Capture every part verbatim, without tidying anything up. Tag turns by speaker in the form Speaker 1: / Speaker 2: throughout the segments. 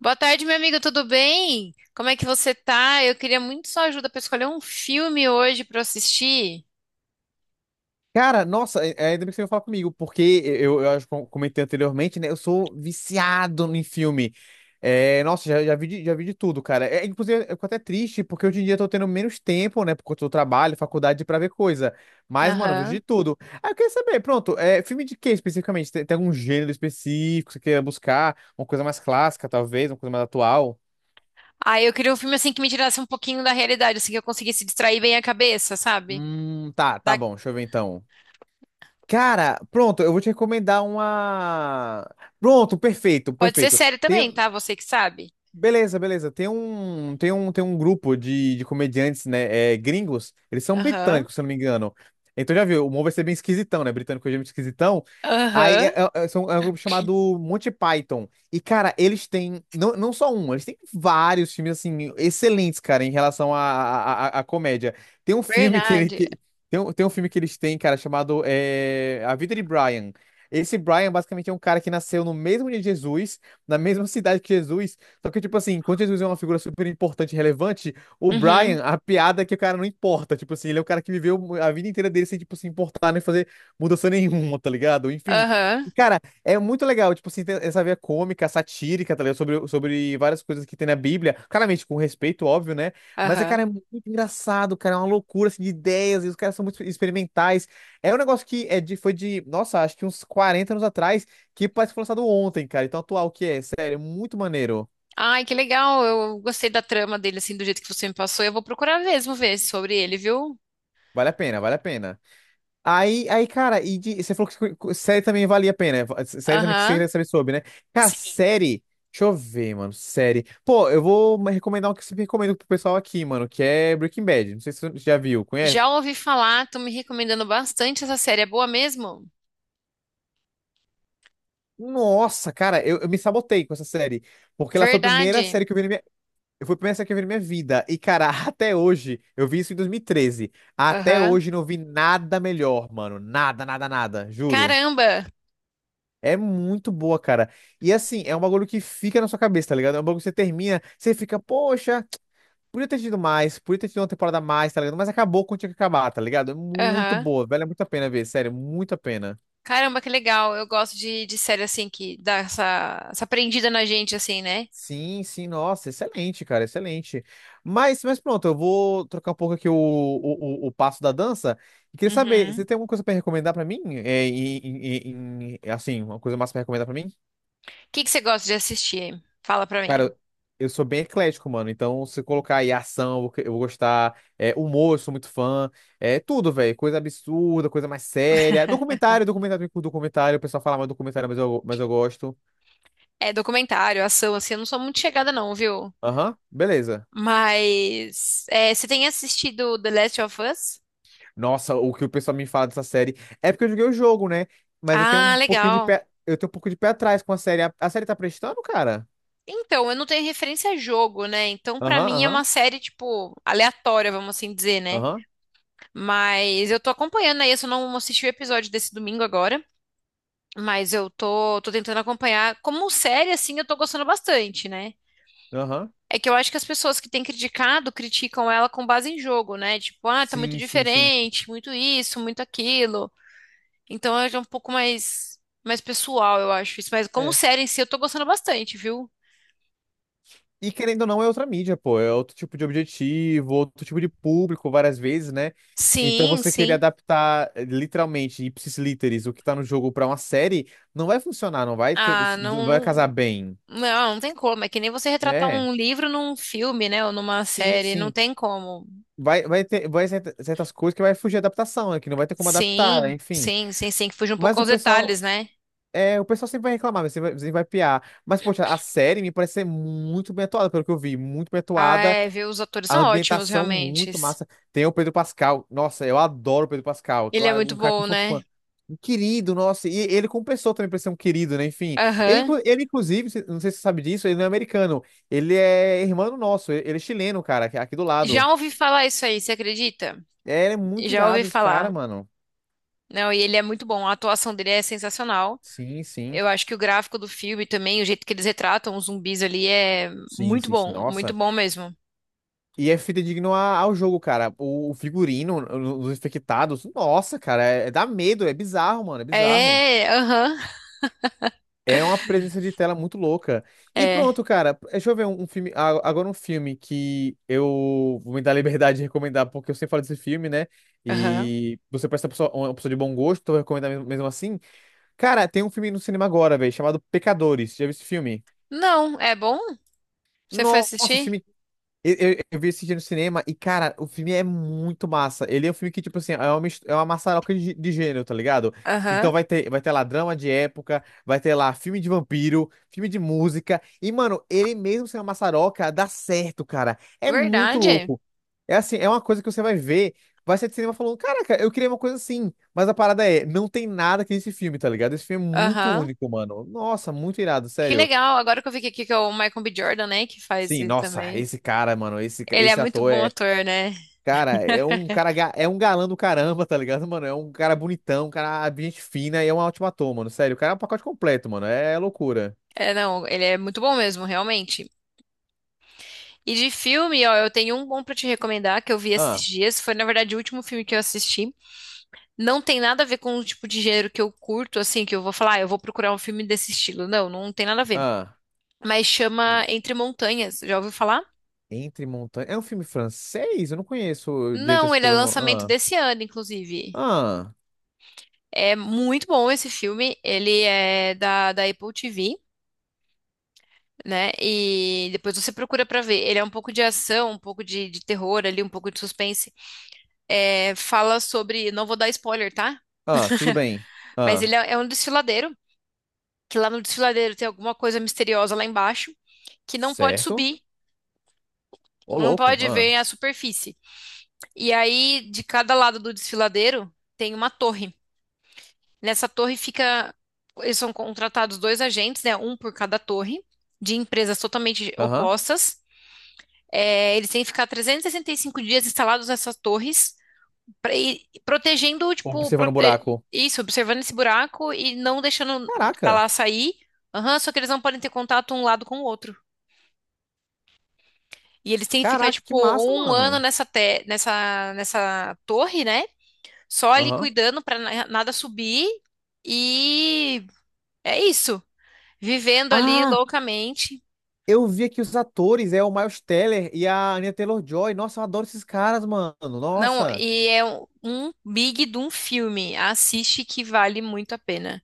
Speaker 1: Boa tarde, meu amigo, tudo bem? Como é que você tá? Eu queria muito sua ajuda para escolher um filme hoje para assistir.
Speaker 2: Cara, nossa, é- é, ainda bem que você veio falar comigo, porque eu, eu acho que eu comentei anteriormente, né? Eu sou viciado em filme. É, nossa, já, já vi de, já vi de tudo, cara. É, inclusive, eu fico até triste, porque hoje em dia eu tô tendo menos tempo, né? Por conta do trabalho, faculdade, pra ver coisa. Mas, mano, eu vejo
Speaker 1: Aham.
Speaker 2: de tudo. Aí eu queria saber, pronto, é, filme de quê especificamente? Tem, tem algum gênero específico que você queira buscar? Uma coisa mais clássica, talvez, uma coisa mais atual?
Speaker 1: Ah, eu queria um filme assim que me tirasse um pouquinho da realidade, assim que eu conseguisse distrair bem a cabeça, sabe?
Speaker 2: Hum, tá, tá
Speaker 1: Da-
Speaker 2: bom, deixa eu ver então. Cara, pronto, eu vou te recomendar uma. Pronto, perfeito,
Speaker 1: Pode ser
Speaker 2: perfeito.
Speaker 1: série
Speaker 2: Tem,
Speaker 1: também, tá? Você que sabe.
Speaker 2: Beleza, beleza. Tem um, tem um, tem um grupo de, de comediantes, né, é, gringos. Eles são
Speaker 1: Aham.
Speaker 2: britânicos, se eu não me engano. Então já viu, o humor vai ser bem esquisitão, né? Britânico é muito esquisitão. Aí é,
Speaker 1: Aham.
Speaker 2: é- é- são- é um grupo chamado Monty Python. E, cara, eles têm, não, não só um, eles têm vários filmes, assim, excelentes, cara, em relação à à- à- à comédia. Tem um filme que ele,
Speaker 1: Verdade.
Speaker 2: que, tem um, tem um filme que eles têm, cara, chamado é, A Vida de Brian. Esse Brian, basicamente, é um cara que nasceu no mesmo dia de Jesus, na mesma cidade que Jesus. Só que, tipo assim, enquanto Jesus é uma figura super importante e relevante, o
Speaker 1: Uhum.
Speaker 2: Brian, a piada é que o cara não importa. Tipo assim, ele é o cara que viveu a vida inteira dele sem, tipo, se importar nem fazer mudança nenhuma, tá ligado? Enfim. E,
Speaker 1: Aham.
Speaker 2: cara, é muito legal, tipo assim, tem essa veia cômica, satírica, tá ligado? Sobre, sobre várias coisas que tem na Bíblia. Claramente, com respeito, óbvio, né? Mas, é, cara, é
Speaker 1: Aham.
Speaker 2: muito engraçado, cara. É uma loucura, assim, de ideias. E os caras são muito experimentais. É um negócio que é de, foi de, nossa, acho que uns quarenta anos atrás, que parece que foi lançado ontem, cara. Então, atual que é, sério, é muito maneiro.
Speaker 1: Ai, que legal. Eu gostei da trama dele assim, do jeito que você me passou. Eu vou procurar mesmo ver sobre ele, viu?
Speaker 2: Vale a pena, vale a pena. Aí, aí, cara, e de- você falou que co- série também valia a pena. va- Série também que você
Speaker 1: Aham.
Speaker 2: queria saber sobre, né? Cara,
Speaker 1: Sim.
Speaker 2: série. Deixa eu ver, mano. Série. Pô, eu vou me recomendar um que eu sempre recomendo pro pessoal aqui, mano, que é Breaking Bad. Não sei se você já viu, conhece?
Speaker 1: Já ouvi falar, tô me recomendando bastante essa série. É boa mesmo?
Speaker 2: Nossa, cara, eu, eu me sabotei com essa série. Porque ela foi a primeira
Speaker 1: Verdade.
Speaker 2: série que eu vi na minha. Foi a primeira série que eu vi na minha vida. E, cara, até hoje, eu vi isso em dois mil e treze. Até
Speaker 1: Aham.
Speaker 2: hoje não vi nada melhor, mano. Nada, nada, nada. Juro.
Speaker 1: Caramba.
Speaker 2: É muito boa, cara. E assim, é um bagulho que fica na sua cabeça, tá ligado? É um bagulho que você termina, você fica, poxa, podia ter tido mais, podia ter tido uma temporada a mais, tá ligado? Mas acabou quando tinha que acabar, tá ligado? É muito
Speaker 1: Aham.
Speaker 2: boa, velho. É muito a pena ver, sério, muito a pena.
Speaker 1: Caramba, que legal. Eu gosto de, de série assim que dá essa, essa prendida na gente, assim, né?
Speaker 2: Sim, sim, nossa, excelente, cara, excelente. Mas, mas pronto, eu vou trocar um pouco aqui o, o, o, o passo da dança. E queria saber, você
Speaker 1: Uhum.
Speaker 2: tem
Speaker 1: O
Speaker 2: alguma coisa pra recomendar pra mim? É, em- em- em- em- assim, uma coisa massa pra recomendar pra mim?
Speaker 1: que que você gosta de assistir? Fala pra mim.
Speaker 2: Cara, eu sou bem eclético, mano. Então, se colocar aí ação, eu vou eu vou gostar. É, humor, eu sou muito fã. É tudo, velho. Coisa absurda, coisa mais séria. Documentário, documentário, documentário. O pessoal fala mais documentário, mas eu, mas eu gosto.
Speaker 1: É documentário, ação, assim, eu não sou muito chegada, não, viu?
Speaker 2: Aham, beleza.
Speaker 1: Mas é, você tem assistido The Last of Us?
Speaker 2: Nossa, o que o pessoal me fala dessa série. É porque eu joguei o jogo, né? Mas eu tenho
Speaker 1: Ah,
Speaker 2: um pouquinho de
Speaker 1: legal.
Speaker 2: pé. Eu tenho um pouco de pé atrás com a série. A, a série tá prestando, cara?
Speaker 1: Então, eu não tenho referência a jogo, né? Então, pra
Speaker 2: Aham,
Speaker 1: mim é uma
Speaker 2: aham,
Speaker 1: série, tipo, aleatória, vamos assim dizer, né?
Speaker 2: aham,
Speaker 1: Mas eu tô acompanhando aí, eu só não assisti o episódio desse domingo agora, mas eu tô, tô tentando acompanhar. Como série, assim, eu tô gostando bastante, né?
Speaker 2: aham.
Speaker 1: É que eu acho que as pessoas que têm criticado criticam ela com base em jogo, né? Tipo, ah, tá muito
Speaker 2: Sim, sim, sim.
Speaker 1: diferente, muito isso, muito aquilo. Então é um pouco mais, mais pessoal, eu acho isso. Mas como
Speaker 2: é
Speaker 1: série em si, eu tô gostando bastante, viu?
Speaker 2: E querendo ou não, é outra mídia, pô. É outro tipo de objetivo, outro tipo de público, várias vezes, né? Então
Speaker 1: Sim,
Speaker 2: você querer
Speaker 1: sim.
Speaker 2: adaptar eh, literalmente, ipsis literis, o que tá no jogo pra uma série, não vai funcionar, não vai ter,
Speaker 1: Ah,
Speaker 2: não
Speaker 1: não,
Speaker 2: vai casar
Speaker 1: não,
Speaker 2: bem,
Speaker 1: não, não tem como. É que nem você retratar
Speaker 2: né?
Speaker 1: um livro num filme, né? Ou numa
Speaker 2: Sim,
Speaker 1: série, não
Speaker 2: sim.
Speaker 1: tem como.
Speaker 2: Vai, vai ter, vai certa- certas coisas que vai fugir da adaptação, né? Que não vai ter como adaptar, né?
Speaker 1: Sim,
Speaker 2: Enfim.
Speaker 1: sim, sim, sim, que fugiu um pouco
Speaker 2: Mas o
Speaker 1: aos
Speaker 2: pessoal,
Speaker 1: detalhes, né?
Speaker 2: é, o pessoal sempre vai reclamar, sempre vai, sempre vai piar. Mas, poxa, a série me parece ser muito bem atuada, pelo que eu vi, muito bem
Speaker 1: Ah,
Speaker 2: atuada.
Speaker 1: é, viu? Os atores
Speaker 2: A
Speaker 1: são ótimos,
Speaker 2: ambientação
Speaker 1: realmente.
Speaker 2: muito massa. Tem o Pedro Pascal. Nossa, eu adoro o Pedro Pascal.
Speaker 1: Ele é
Speaker 2: Cara, um
Speaker 1: muito
Speaker 2: cara que
Speaker 1: bom,
Speaker 2: eu sou
Speaker 1: né?
Speaker 2: fã. Um querido, nossa. E ele como pessoa também parece ser um querido, né? Enfim. Ele,
Speaker 1: Aham.
Speaker 2: inclu- ele inclusive, se- não sei se você sabe disso, ele não é americano. Ele é irmão nosso. Ele ele é chileno, cara, aqui aqui do lado.
Speaker 1: Já ouvi falar isso aí, você acredita?
Speaker 2: É, ele é muito
Speaker 1: Já ouvi
Speaker 2: irado esse cara,
Speaker 1: falar.
Speaker 2: mano.
Speaker 1: Não, e ele é muito bom, a atuação dele é sensacional.
Speaker 2: Sim, sim.
Speaker 1: Eu acho que o gráfico do filme também, o jeito que eles retratam os zumbis ali é
Speaker 2: Sim,
Speaker 1: muito
Speaker 2: sim, sim,
Speaker 1: bom, muito
Speaker 2: nossa.
Speaker 1: bom mesmo.
Speaker 2: E é fidedigno a- ao jogo, cara. O, o figurino, os infectados. Nossa, cara, é, é dá medo, é bizarro, mano, é bizarro.
Speaker 1: É, aham.
Speaker 2: É uma presença de tela muito louca. E
Speaker 1: É,
Speaker 2: pronto, cara. Deixa eu ver um, um filme. a- Agora um filme que eu vou me dar a liberdade de recomendar, porque eu sempre falo desse filme, né?
Speaker 1: aham.
Speaker 2: E você parece uma pessoa, uma pessoa de bom gosto, então eu vou recomendar mesmo, mesmo assim. Cara, tem um filme no cinema agora, velho, chamado Pecadores. Já viu esse filme?
Speaker 1: Não, é bom? Você foi
Speaker 2: Nossa, esse
Speaker 1: assistir?
Speaker 2: filme eu, eu- eu vi esse dia no cinema e, cara, o filme é muito massa. Ele é um filme que, tipo assim, é uma, mis- é uma maçaroca de, de gênero, tá ligado? Então
Speaker 1: Aham.
Speaker 2: vai ter, vai ter lá drama de época, vai ter lá filme de vampiro, filme de música. E, mano, ele mesmo sendo uma maçaroca, dá certo, cara. É muito
Speaker 1: Verdade.
Speaker 2: louco. É assim, é uma coisa que você vai ver, vai sair de cinema falando, caraca, eu queria uma coisa assim. Mas a parada é, não tem nada que esse filme, tá ligado? Esse filme é muito
Speaker 1: Aham.
Speaker 2: único, mano. Nossa, muito irado,
Speaker 1: Que
Speaker 2: sério.
Speaker 1: legal, agora que eu vi aqui que é o Michael B. Jordan, né, que faz
Speaker 2: Sim,
Speaker 1: ele
Speaker 2: nossa,
Speaker 1: também.
Speaker 2: esse cara, mano, esse, ca-
Speaker 1: Ele é
Speaker 2: esse
Speaker 1: muito
Speaker 2: ator
Speaker 1: bom
Speaker 2: é
Speaker 1: ator, né?
Speaker 2: Cara, é um cara, ga- é um galã do caramba, tá ligado, mano? É um cara bonitão, um cara de gente fina e é um ótimo ator, mano. Sério, o cara é um pacote completo, mano. É loucura.
Speaker 1: É, não, ele é muito bom mesmo, realmente. E de filme, ó, eu tenho um bom pra te recomendar que eu vi esses
Speaker 2: Ah,
Speaker 1: dias. Foi, na verdade, o último filme que eu assisti. Não tem nada a ver com o tipo de gênero que eu curto, assim, que eu vou falar, ah, eu vou procurar um filme desse estilo. Não, não tem nada a ver.
Speaker 2: ah.
Speaker 1: Mas chama
Speaker 2: Hum.
Speaker 1: Entre Montanhas, já ouviu falar?
Speaker 2: Entre Montanhas. É um filme francês? Eu não conheço direito
Speaker 1: Não,
Speaker 2: assim
Speaker 1: ele é
Speaker 2: pelo nome.
Speaker 1: lançamento
Speaker 2: Ah,
Speaker 1: desse ano, inclusive.
Speaker 2: ah,
Speaker 1: É muito bom esse filme. Ele é da, da Apple T V. Né? E depois você procura pra ver. Ele é um pouco de ação, um pouco de, de terror ali, um pouco de suspense. É, fala sobre, não vou dar spoiler, tá?
Speaker 2: ah, tudo bem.
Speaker 1: Mas
Speaker 2: Ah,
Speaker 1: ele é, é um desfiladeiro, que lá no desfiladeiro tem alguma coisa misteriosa lá embaixo que não pode
Speaker 2: certo.
Speaker 1: subir,
Speaker 2: Ô,
Speaker 1: não
Speaker 2: louco.
Speaker 1: pode
Speaker 2: Ah,
Speaker 1: ver a superfície. E aí, de cada lado do desfiladeiro tem uma torre. Nessa torre fica, eles são contratados dois agentes, né? Um por cada torre. De empresas totalmente
Speaker 2: aham.
Speaker 1: opostas. É, eles têm que ficar trezentos e e sessenta e cinco dias instalados nessas torres, pra, e, e protegendo, tipo,
Speaker 2: Observando o
Speaker 1: prote-
Speaker 2: buraco.
Speaker 1: isso, observando esse buraco e não deixando o que tá
Speaker 2: Caraca.
Speaker 1: lá sair. Aham, só que eles não podem ter contato um lado com o outro. E eles têm que ficar,
Speaker 2: Caraca,
Speaker 1: tipo,
Speaker 2: que massa,
Speaker 1: um ano
Speaker 2: mano.
Speaker 1: nessa, te- nessa, nessa torre, né? Só ali
Speaker 2: Aham.
Speaker 1: cuidando pra na- nada subir. E é isso. Vivendo ali
Speaker 2: Ah,
Speaker 1: loucamente.
Speaker 2: eu vi aqui os atores, é o Miles Teller e a Anya Taylor-Joy. Nossa, eu adoro esses caras, mano.
Speaker 1: Não,
Speaker 2: Nossa.
Speaker 1: e é um um big de um filme. Assiste que vale muito a pena.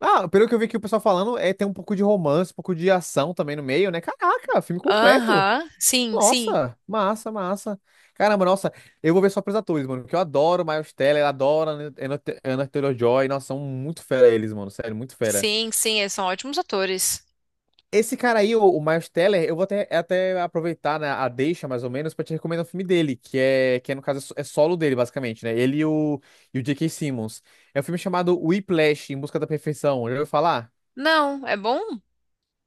Speaker 2: Ah, pelo que eu vi aqui o pessoal falando, é tem um pouco de romance, um pouco de ação também no meio, né? Caraca, filme completo.
Speaker 1: Aham, sim, sim.
Speaker 2: Nossa, massa, massa. Caramba, nossa, eu vou ver só pros atores, mano, porque eu adoro Miles Teller, adoro a Anya Anya Taylor-Joy. Nossa, são muito fera eles, mano, sério, muito fera.
Speaker 1: Sim, sim, eles são ótimos atores.
Speaker 2: Esse cara aí, o, o Miles Teller, eu vou até, até aproveitar, né, a deixa, mais ou menos, pra te recomendar um filme dele, que é, que é, no caso, é so- é solo dele, basicamente, né? Ele e o, e o J K. Simmons. É um filme chamado Whiplash, Em Busca da Perfeição. Já ouviu falar?
Speaker 1: Não, é bom?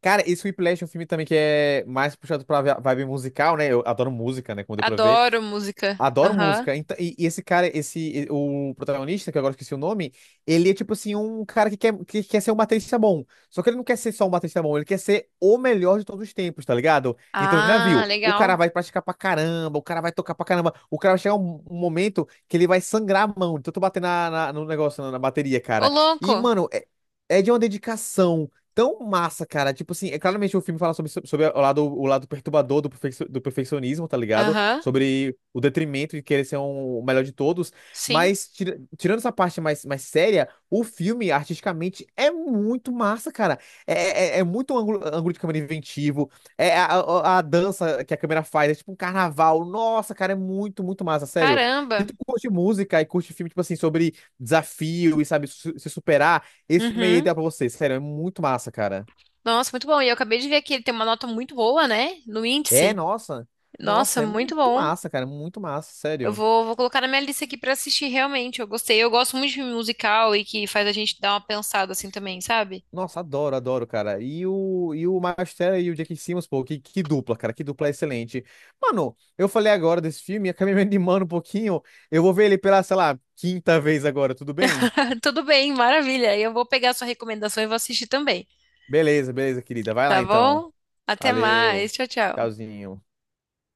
Speaker 2: Cara, esse Whiplash é um filme também que é mais puxado pra vi- vibe musical, né? Eu adoro música, né? Como deu pra ver.
Speaker 1: Adoro música.
Speaker 2: Adoro
Speaker 1: Aham.
Speaker 2: música. Então, e, e esse cara, esse, e- o protagonista, que eu agora eu esqueci o nome, ele é tipo assim, um cara que quer, que quer ser um baterista bom. Só que ele não quer ser só um baterista bom, ele quer ser o melhor de todos os tempos, tá ligado? Então já
Speaker 1: Ah,
Speaker 2: viu, o cara
Speaker 1: legal.
Speaker 2: vai praticar pra caramba, o cara vai tocar pra caramba, o cara vai chegar um, um momento que ele vai sangrar a mão, de tanto bater na, na- no negócio, na, na bateria,
Speaker 1: Ô,
Speaker 2: cara. E,
Speaker 1: louco.
Speaker 2: mano, é, é de uma dedicação. Tão massa, cara. Tipo assim, é claramente o filme fala sobre, sobre o lado, o lado perturbador do, perfec- do perfeccionismo, tá ligado?
Speaker 1: Aham,
Speaker 2: Sobre o detrimento de querer ser um- o melhor de todos.
Speaker 1: sim.
Speaker 2: Mas, tira- tirando essa parte mais, mais, séria, o filme, artisticamente, é muito massa, cara. É, é, é é muito um ângulo, ângulo de câmera inventivo. É a, a- a dança que a câmera faz, é tipo um carnaval. Nossa, cara, é muito, muito massa, sério. Se
Speaker 1: Caramba.
Speaker 2: tu curte música e curte filme, tipo assim, sobre desafio e, sabe, su- se superar, esse filme aí é
Speaker 1: Uhum.
Speaker 2: ideal pra você, sério, é muito massa, cara.
Speaker 1: Nossa, muito bom. E eu acabei de ver que ele tem uma nota muito boa, né? No
Speaker 2: É,
Speaker 1: índice.
Speaker 2: nossa.
Speaker 1: Nossa,
Speaker 2: Nossa, é
Speaker 1: muito
Speaker 2: muito
Speaker 1: bom.
Speaker 2: massa, cara, muito massa,
Speaker 1: Eu
Speaker 2: sério.
Speaker 1: vou, vou colocar na minha lista aqui pra assistir, realmente. Eu gostei. Eu gosto muito de filme musical e que faz a gente dar uma pensada assim também, sabe?
Speaker 2: Nossa, adoro, adoro, cara. E o, e o Miles Teller e o Jake Simmons, pô, que, que dupla, cara, que dupla excelente. Mano, eu falei agora desse filme, acabei me animando um pouquinho. Eu vou ver ele pela, sei lá, quinta vez agora, tudo bem?
Speaker 1: Tudo bem, maravilha. Eu vou pegar a sua recomendação e vou assistir também.
Speaker 2: Beleza, beleza, querida. Vai
Speaker 1: Tá
Speaker 2: lá então.
Speaker 1: bom? Até mais.
Speaker 2: Valeu.
Speaker 1: Tchau, tchau.
Speaker 2: Tchauzinho.